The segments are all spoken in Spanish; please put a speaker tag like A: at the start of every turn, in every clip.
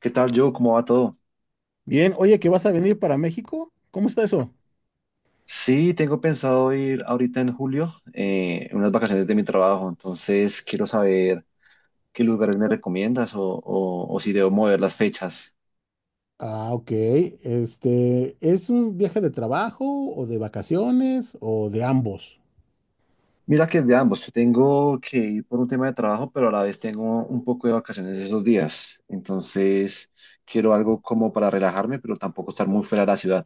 A: ¿Qué tal, yo? ¿Cómo va todo?
B: Bien, oye, ¿que vas a venir para México? ¿Cómo está eso?
A: Sí, tengo pensado ir ahorita en julio, en unas vacaciones de mi trabajo, entonces quiero saber qué lugares me recomiendas o si debo mover las fechas.
B: Ah, ok. ¿Es un viaje de trabajo o de vacaciones o de ambos?
A: Mira que es de ambos, yo tengo que ir por un tema de trabajo, pero a la vez tengo un poco de vacaciones esos días, entonces quiero algo como para relajarme, pero tampoco estar muy fuera de la ciudad.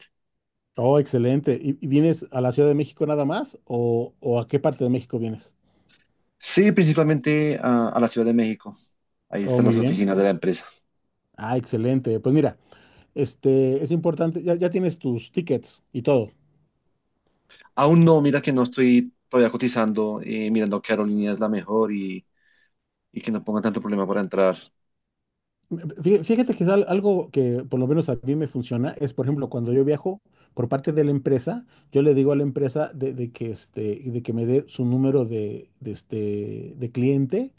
B: Oh, excelente. ¿Y vienes a la Ciudad de México nada más o a qué parte de México vienes?
A: Sí, principalmente a la Ciudad de México, ahí
B: Oh,
A: están
B: muy
A: las
B: bien.
A: oficinas de la empresa.
B: Ah, excelente. Pues mira, es importante, ya tienes tus tickets y todo.
A: Aún no, mira que no estoy todavía cotizando, mirando qué aerolínea es la mejor y que no pongan tanto problema para entrar.
B: Fíjate que es algo que por lo menos a mí me funciona es, por ejemplo, cuando yo viajo por parte de la empresa, yo le digo a la empresa de que me dé su número de cliente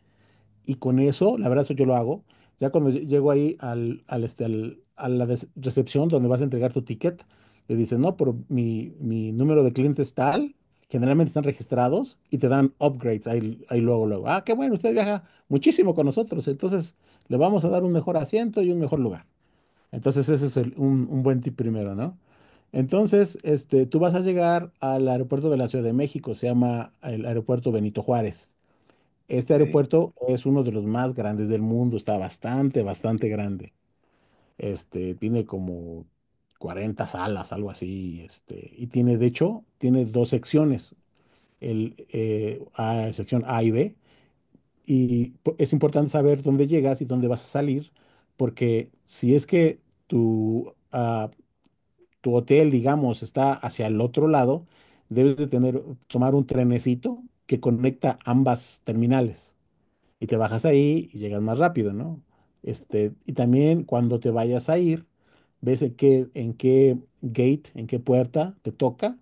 B: y con eso, la verdad, eso yo lo hago. Ya cuando llego ahí a la recepción donde vas a entregar tu ticket, le dicen, no, pero mi número de cliente es tal, generalmente están registrados y te dan upgrades ahí, ahí luego, luego. Ah, qué bueno, usted viaja muchísimo con nosotros, entonces le vamos a dar un mejor asiento y un mejor lugar. Entonces ese es un buen tip primero, ¿no? Entonces, tú vas a llegar al aeropuerto de la Ciudad de México, se llama el aeropuerto Benito Juárez. Este
A: Ok.
B: aeropuerto es uno de los más grandes del mundo, está bastante, bastante grande. Tiene como 40 salas, algo así, y tiene, de hecho, tiene dos secciones, sección A y B, y es importante saber dónde llegas y dónde vas a salir, porque si es que tu, ah, tu hotel, digamos, está hacia el otro lado, debes de tener, tomar un trenecito que conecta ambas terminales y te bajas ahí y llegas más rápido, ¿no? Y también cuando te vayas a ir, ves en qué gate, en qué puerta te toca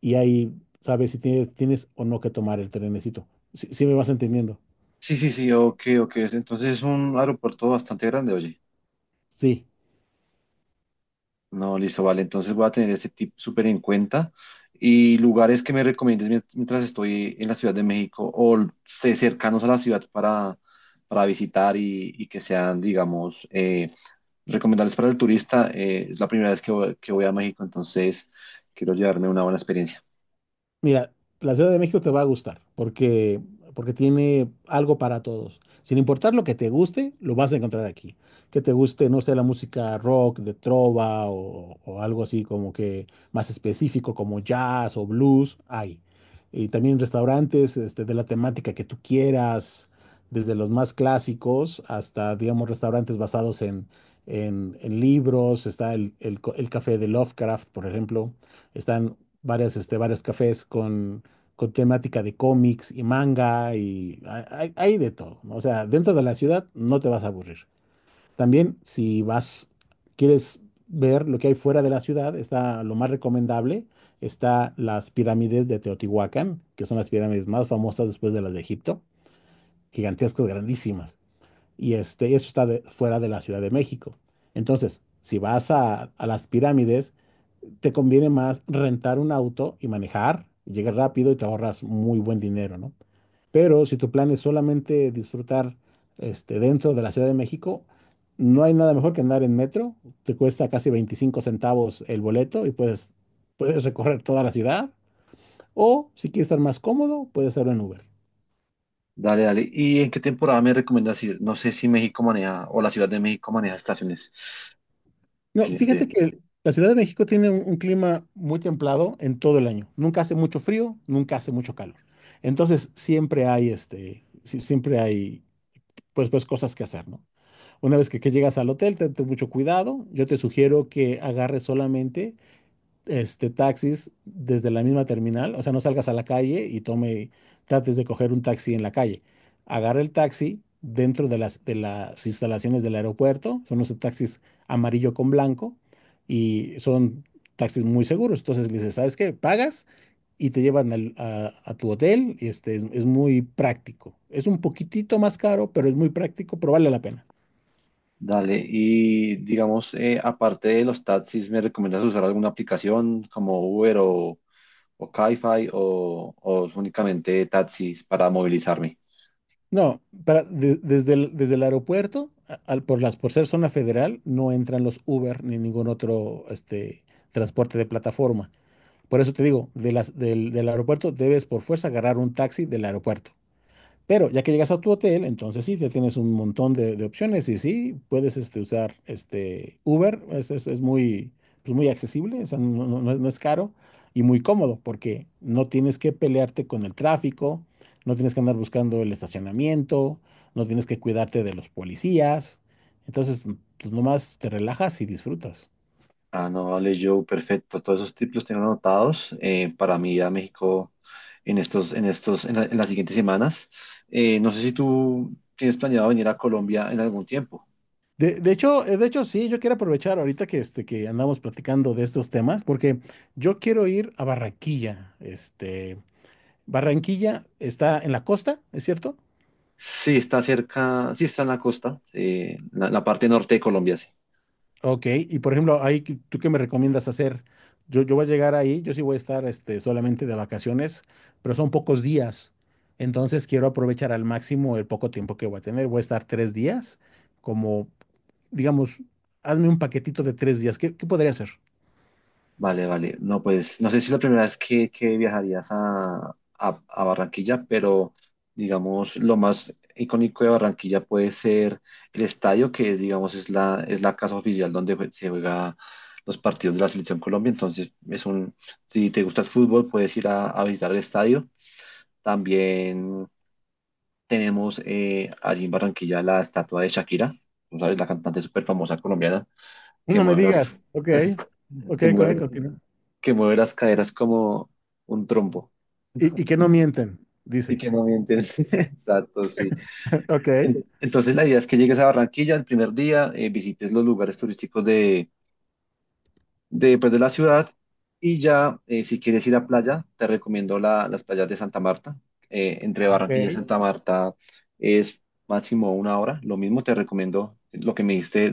B: y ahí sabes si tienes o no que tomar el trenecito. Si, si me vas entendiendo.
A: Sí, sí, sí, ok, ok. Entonces es un aeropuerto bastante grande, oye.
B: Sí.
A: No, listo, vale. Entonces voy a tener este tip súper en cuenta. Y lugares que me recomiendes mientras estoy en la Ciudad de México o sé, cercanos a la ciudad para visitar y que sean, digamos, recomendables para el turista. Es la primera vez que que voy a México, entonces quiero llevarme una buena experiencia.
B: Mira, la Ciudad de México te va a gustar porque tiene algo para todos. Sin importar lo que te guste, lo vas a encontrar aquí. Que te guste, no sé, la música rock, de trova o algo así como que más específico como jazz o blues, hay. Y también restaurantes de la temática que tú quieras, desde los más clásicos hasta, digamos, restaurantes basados en libros. Está el café de Lovecraft, por ejemplo están varias, varios cafés con temática de cómics y manga y hay de todo. ¿No? O sea, dentro de la ciudad no te vas a aburrir. También si quieres ver lo que hay fuera de la ciudad, está lo más recomendable, está las pirámides de Teotihuacán, que son las pirámides más famosas después de las de Egipto, gigantescas, grandísimas. Y eso está fuera de la Ciudad de México. Entonces, si vas a las pirámides, te conviene más rentar un auto y manejar, y llegas rápido y te ahorras muy buen dinero, ¿no? Pero si tu plan es solamente disfrutar dentro de la Ciudad de México, no hay nada mejor que andar en metro, te cuesta casi 25 centavos el boleto y puedes recorrer toda la ciudad, o si quieres estar más cómodo, puedes hacerlo en Uber.
A: Dale, dale. ¿Y en qué temporada me recomiendas ir? No sé si México maneja o la Ciudad de México maneja estaciones.
B: No,
A: Que-
B: fíjate
A: de-
B: que la Ciudad de México tiene un clima muy templado en todo el año, nunca hace mucho frío, nunca hace mucho calor. Entonces siempre hay sí, siempre hay pues ves cosas que hacer, ¿no? Una vez que llegas al hotel, ten mucho cuidado. Yo te sugiero que agarres solamente taxis desde la misma terminal, o sea, no salgas a la calle y trates de coger un taxi en la calle. Agarra el taxi dentro de de las instalaciones del aeropuerto, son unos taxis amarillo con blanco y son taxis muy seguros. Entonces le dices, ¿sabes qué? Pagas y te llevan a tu hotel y es muy práctico. Es un poquitito más caro, pero es muy práctico, pero vale la pena.
A: dale. Y digamos, aparte de los taxis, ¿me recomiendas usar alguna aplicación como Uber o Cabify o únicamente taxis para movilizarme?
B: No, desde desde el aeropuerto, por por ser zona federal, no entran los Uber ni ningún otro transporte de plataforma. Por eso te digo, del aeropuerto debes por fuerza agarrar un taxi del aeropuerto. Pero ya que llegas a tu hotel, entonces sí, ya tienes un montón de opciones y sí, puedes usar Uber, es muy, pues, muy accesible, o sea, no es caro y muy cómodo porque no tienes que pelearte con el tráfico, no tienes que andar buscando el estacionamiento, no tienes que cuidarte de los policías, entonces pues, nomás te relajas y disfrutas.
A: Ah, no, vale, yo, perfecto. Todos esos tips los tengo anotados para mí ir a México en estos, en las siguientes semanas. No sé si tú tienes planeado venir a Colombia en algún tiempo.
B: De hecho, sí, yo quiero aprovechar ahorita que andamos platicando de estos temas, porque yo quiero ir a Barranquilla, Barranquilla está en la costa, ¿es cierto?
A: Sí, está cerca, sí está en la costa, la parte norte de Colombia, sí.
B: Ok, y por ejemplo, ahí, ¿tú qué me recomiendas hacer? Yo voy a llegar ahí, yo sí voy a estar solamente de vacaciones, pero son pocos días. Entonces quiero aprovechar al máximo el poco tiempo que voy a tener. Voy a estar 3 días, como, digamos, hazme un paquetito de 3 días. ¿Qué, qué podría hacer?
A: Vale, vale. No, pues no sé si es la primera vez que viajarías a Barranquilla, pero digamos lo más icónico de Barranquilla puede ser el estadio, que digamos es es la casa oficial donde se juega los partidos de la Selección Colombia. Entonces, es un, si te gusta el fútbol, puedes ir a visitar el estadio. También tenemos, allí en Barranquilla, la estatua de Shakira, ¿no, sabes? La cantante súper famosa colombiana que
B: No me
A: mueve
B: digas. Ok, ok,
A: que
B: ok,
A: mueve,
B: continúa.
A: que mueve las caderas como un trompo
B: Y que no mienten,
A: y
B: dice.
A: que no miente. Exacto, sí.
B: Ok.
A: Entonces la idea es que llegues a Barranquilla el primer día, visites los lugares turísticos de, pues, de la ciudad y ya, si quieres ir a playa, te recomiendo las playas de Santa Marta. Entre
B: Ah, ok.
A: Barranquilla y Santa Marta es máximo una hora. Lo mismo te recomiendo lo que me diste,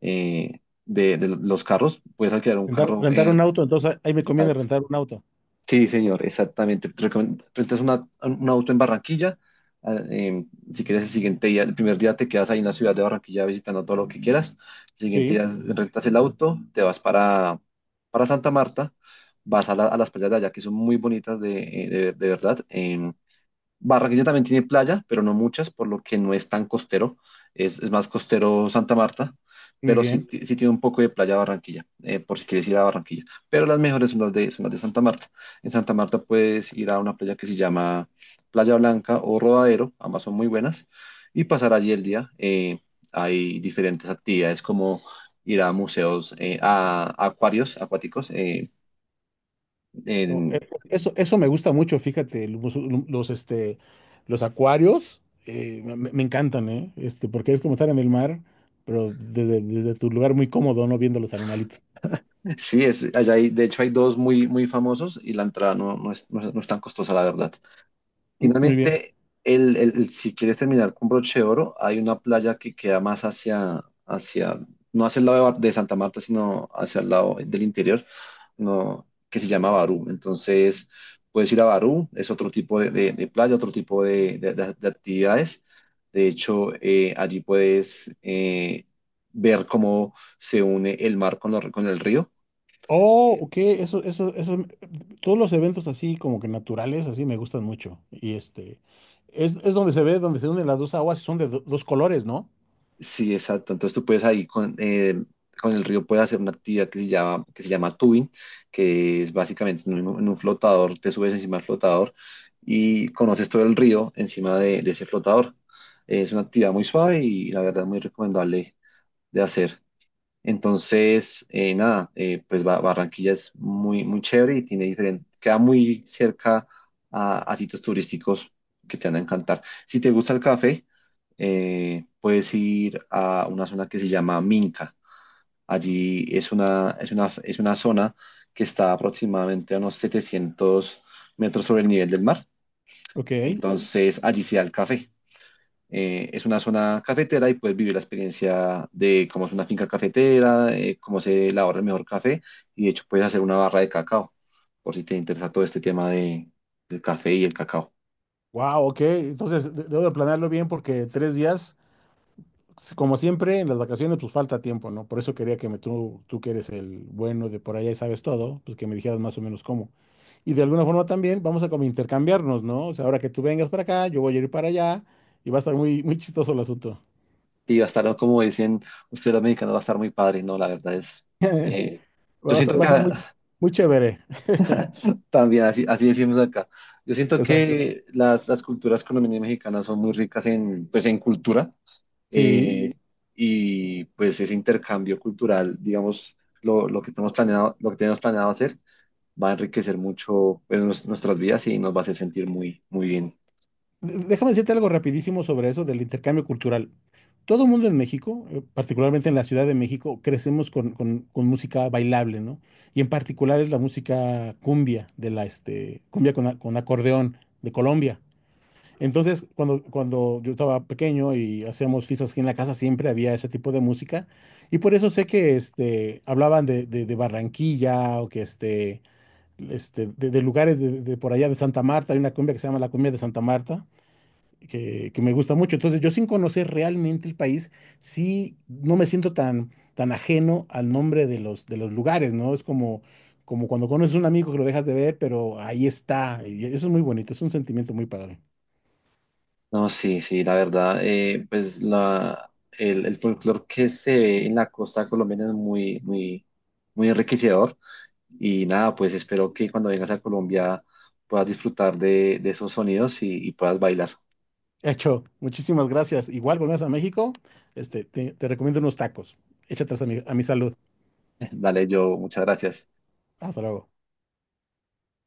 A: eh, de los carros. Puedes alquilar un
B: Rentar,
A: carro.
B: rentar un
A: Eh,
B: auto, entonces ahí me conviene
A: exacto.
B: rentar un auto.
A: Sí, señor, exactamente. Rentas un auto en Barranquilla. Ah, si quieres el siguiente día, el primer día te quedas ahí en la ciudad de Barranquilla visitando todo lo que quieras. El siguiente día
B: Sí,
A: rentas el auto, te vas para Santa Marta, vas a, a las playas de allá, que son muy bonitas de, de verdad. Barranquilla también tiene playa, pero no muchas, por lo que no es tan costero. Es más costero Santa Marta,
B: muy
A: pero sí,
B: bien.
A: sí tiene un poco de playa Barranquilla, por si quieres ir a Barranquilla. Pero las mejores son son las de Santa Marta. En Santa Marta puedes ir a una playa que se llama Playa Blanca o Rodadero, ambas son muy buenas, y pasar allí el día. Hay diferentes actividades como ir a museos, a acuarios acuáticos,
B: No,
A: en,
B: eso, eso me gusta mucho, fíjate, los acuarios me encantan, ¿eh? Este, porque es como estar en el mar, desde tu lugar muy cómodo, ¿no? Viendo los animalitos.
A: sí, es, allá hay, de hecho hay dos muy, muy famosos, y la entrada no, no es, no es tan costosa, la verdad.
B: Mm, muy bien.
A: Finalmente, si quieres terminar con broche de oro, hay una playa que queda más hacia, no hacia el lado de, de Santa Marta, sino hacia el lado del interior, no, que se llama Barú. Entonces, puedes ir a Barú, es otro tipo de, de playa, otro tipo de, de actividades. De hecho, allí puedes, ver cómo se une el mar con, con el río.
B: Oh, ok, eso, todos los eventos así como que naturales, así me gustan mucho. Y es donde se ve, donde se unen las dos aguas y son de dos colores, ¿no?
A: Sí, exacto. Entonces tú puedes ahí con el río puedes hacer una actividad que se llama tubing, que es básicamente en un flotador, te subes encima del flotador y conoces todo el río encima de ese flotador. Es una actividad muy suave y la verdad muy recomendable de hacer. Entonces, nada, pues Barranquilla es muy, muy chévere y tiene diferente, queda muy cerca a sitios turísticos que te van a encantar. Si te gusta el café, puedes ir a una zona que se llama Minca. Allí es una, es una zona que está aproximadamente a unos 700 metros sobre el nivel del mar.
B: Ok,
A: Entonces, allí se da el café. Es una zona cafetera y puedes vivir la experiencia de cómo es una finca cafetera, cómo se elabora el mejor café, y de hecho puedes hacer una barra de cacao, por si te interesa todo este tema de, del café y el cacao.
B: wow, ok, entonces debo de planearlo bien porque 3 días... Pues, como siempre, en las vacaciones pues falta tiempo, ¿no? Por eso quería que tú que eres el bueno de por allá y sabes todo, pues que me dijeras más o menos cómo. Y de alguna forma también vamos a como intercambiarnos, ¿no? O sea, ahora que tú vengas para acá, yo voy a ir para allá y va a estar muy, muy chistoso el asunto.
A: Y va a estar, como dicen ustedes los mexicanos, va a estar muy padre, ¿no? La verdad es, eh, yo siento
B: Va a
A: que
B: estar muy, muy chévere.
A: también así, así decimos acá, yo siento
B: Exacto.
A: que las culturas colombianas y mexicanas son muy ricas en, pues, en cultura,
B: Sí.
A: eh, y pues ese intercambio cultural, digamos, lo que estamos planeado, lo que tenemos planeado hacer, va a enriquecer mucho, pues, nuestras vidas, y nos va a hacer sentir muy, muy bien.
B: Déjame decirte algo rapidísimo sobre eso del intercambio cultural. Todo el mundo en México, particularmente en la Ciudad de México, crecemos con música bailable, ¿no? Y en particular es la música cumbia, de la cumbia con acordeón de Colombia. Entonces, cuando yo estaba pequeño y hacíamos fiestas aquí en la casa, siempre había ese tipo de música. Y por eso sé que hablaban de Barranquilla o que de lugares de por allá de Santa Marta. Hay una cumbia que se llama la cumbia de Santa Marta que me gusta mucho. Entonces, yo sin conocer realmente el país, sí no me siento tan, tan ajeno al nombre de de los lugares, ¿no? Es como, como cuando conoces a un amigo que lo dejas de ver, pero ahí está. Y eso es muy bonito, es un sentimiento muy padre.
A: No, sí, sí, la verdad, pues el folclore que se ve en la costa colombiana es muy, muy, muy enriquecedor. Y nada, pues espero que cuando vengas a Colombia puedas disfrutar de esos sonidos y puedas bailar.
B: Hecho, muchísimas gracias. Igual, cuando vayas a México, te recomiendo unos tacos. Échatelos a a mi salud.
A: Dale, yo, muchas gracias.
B: Hasta luego.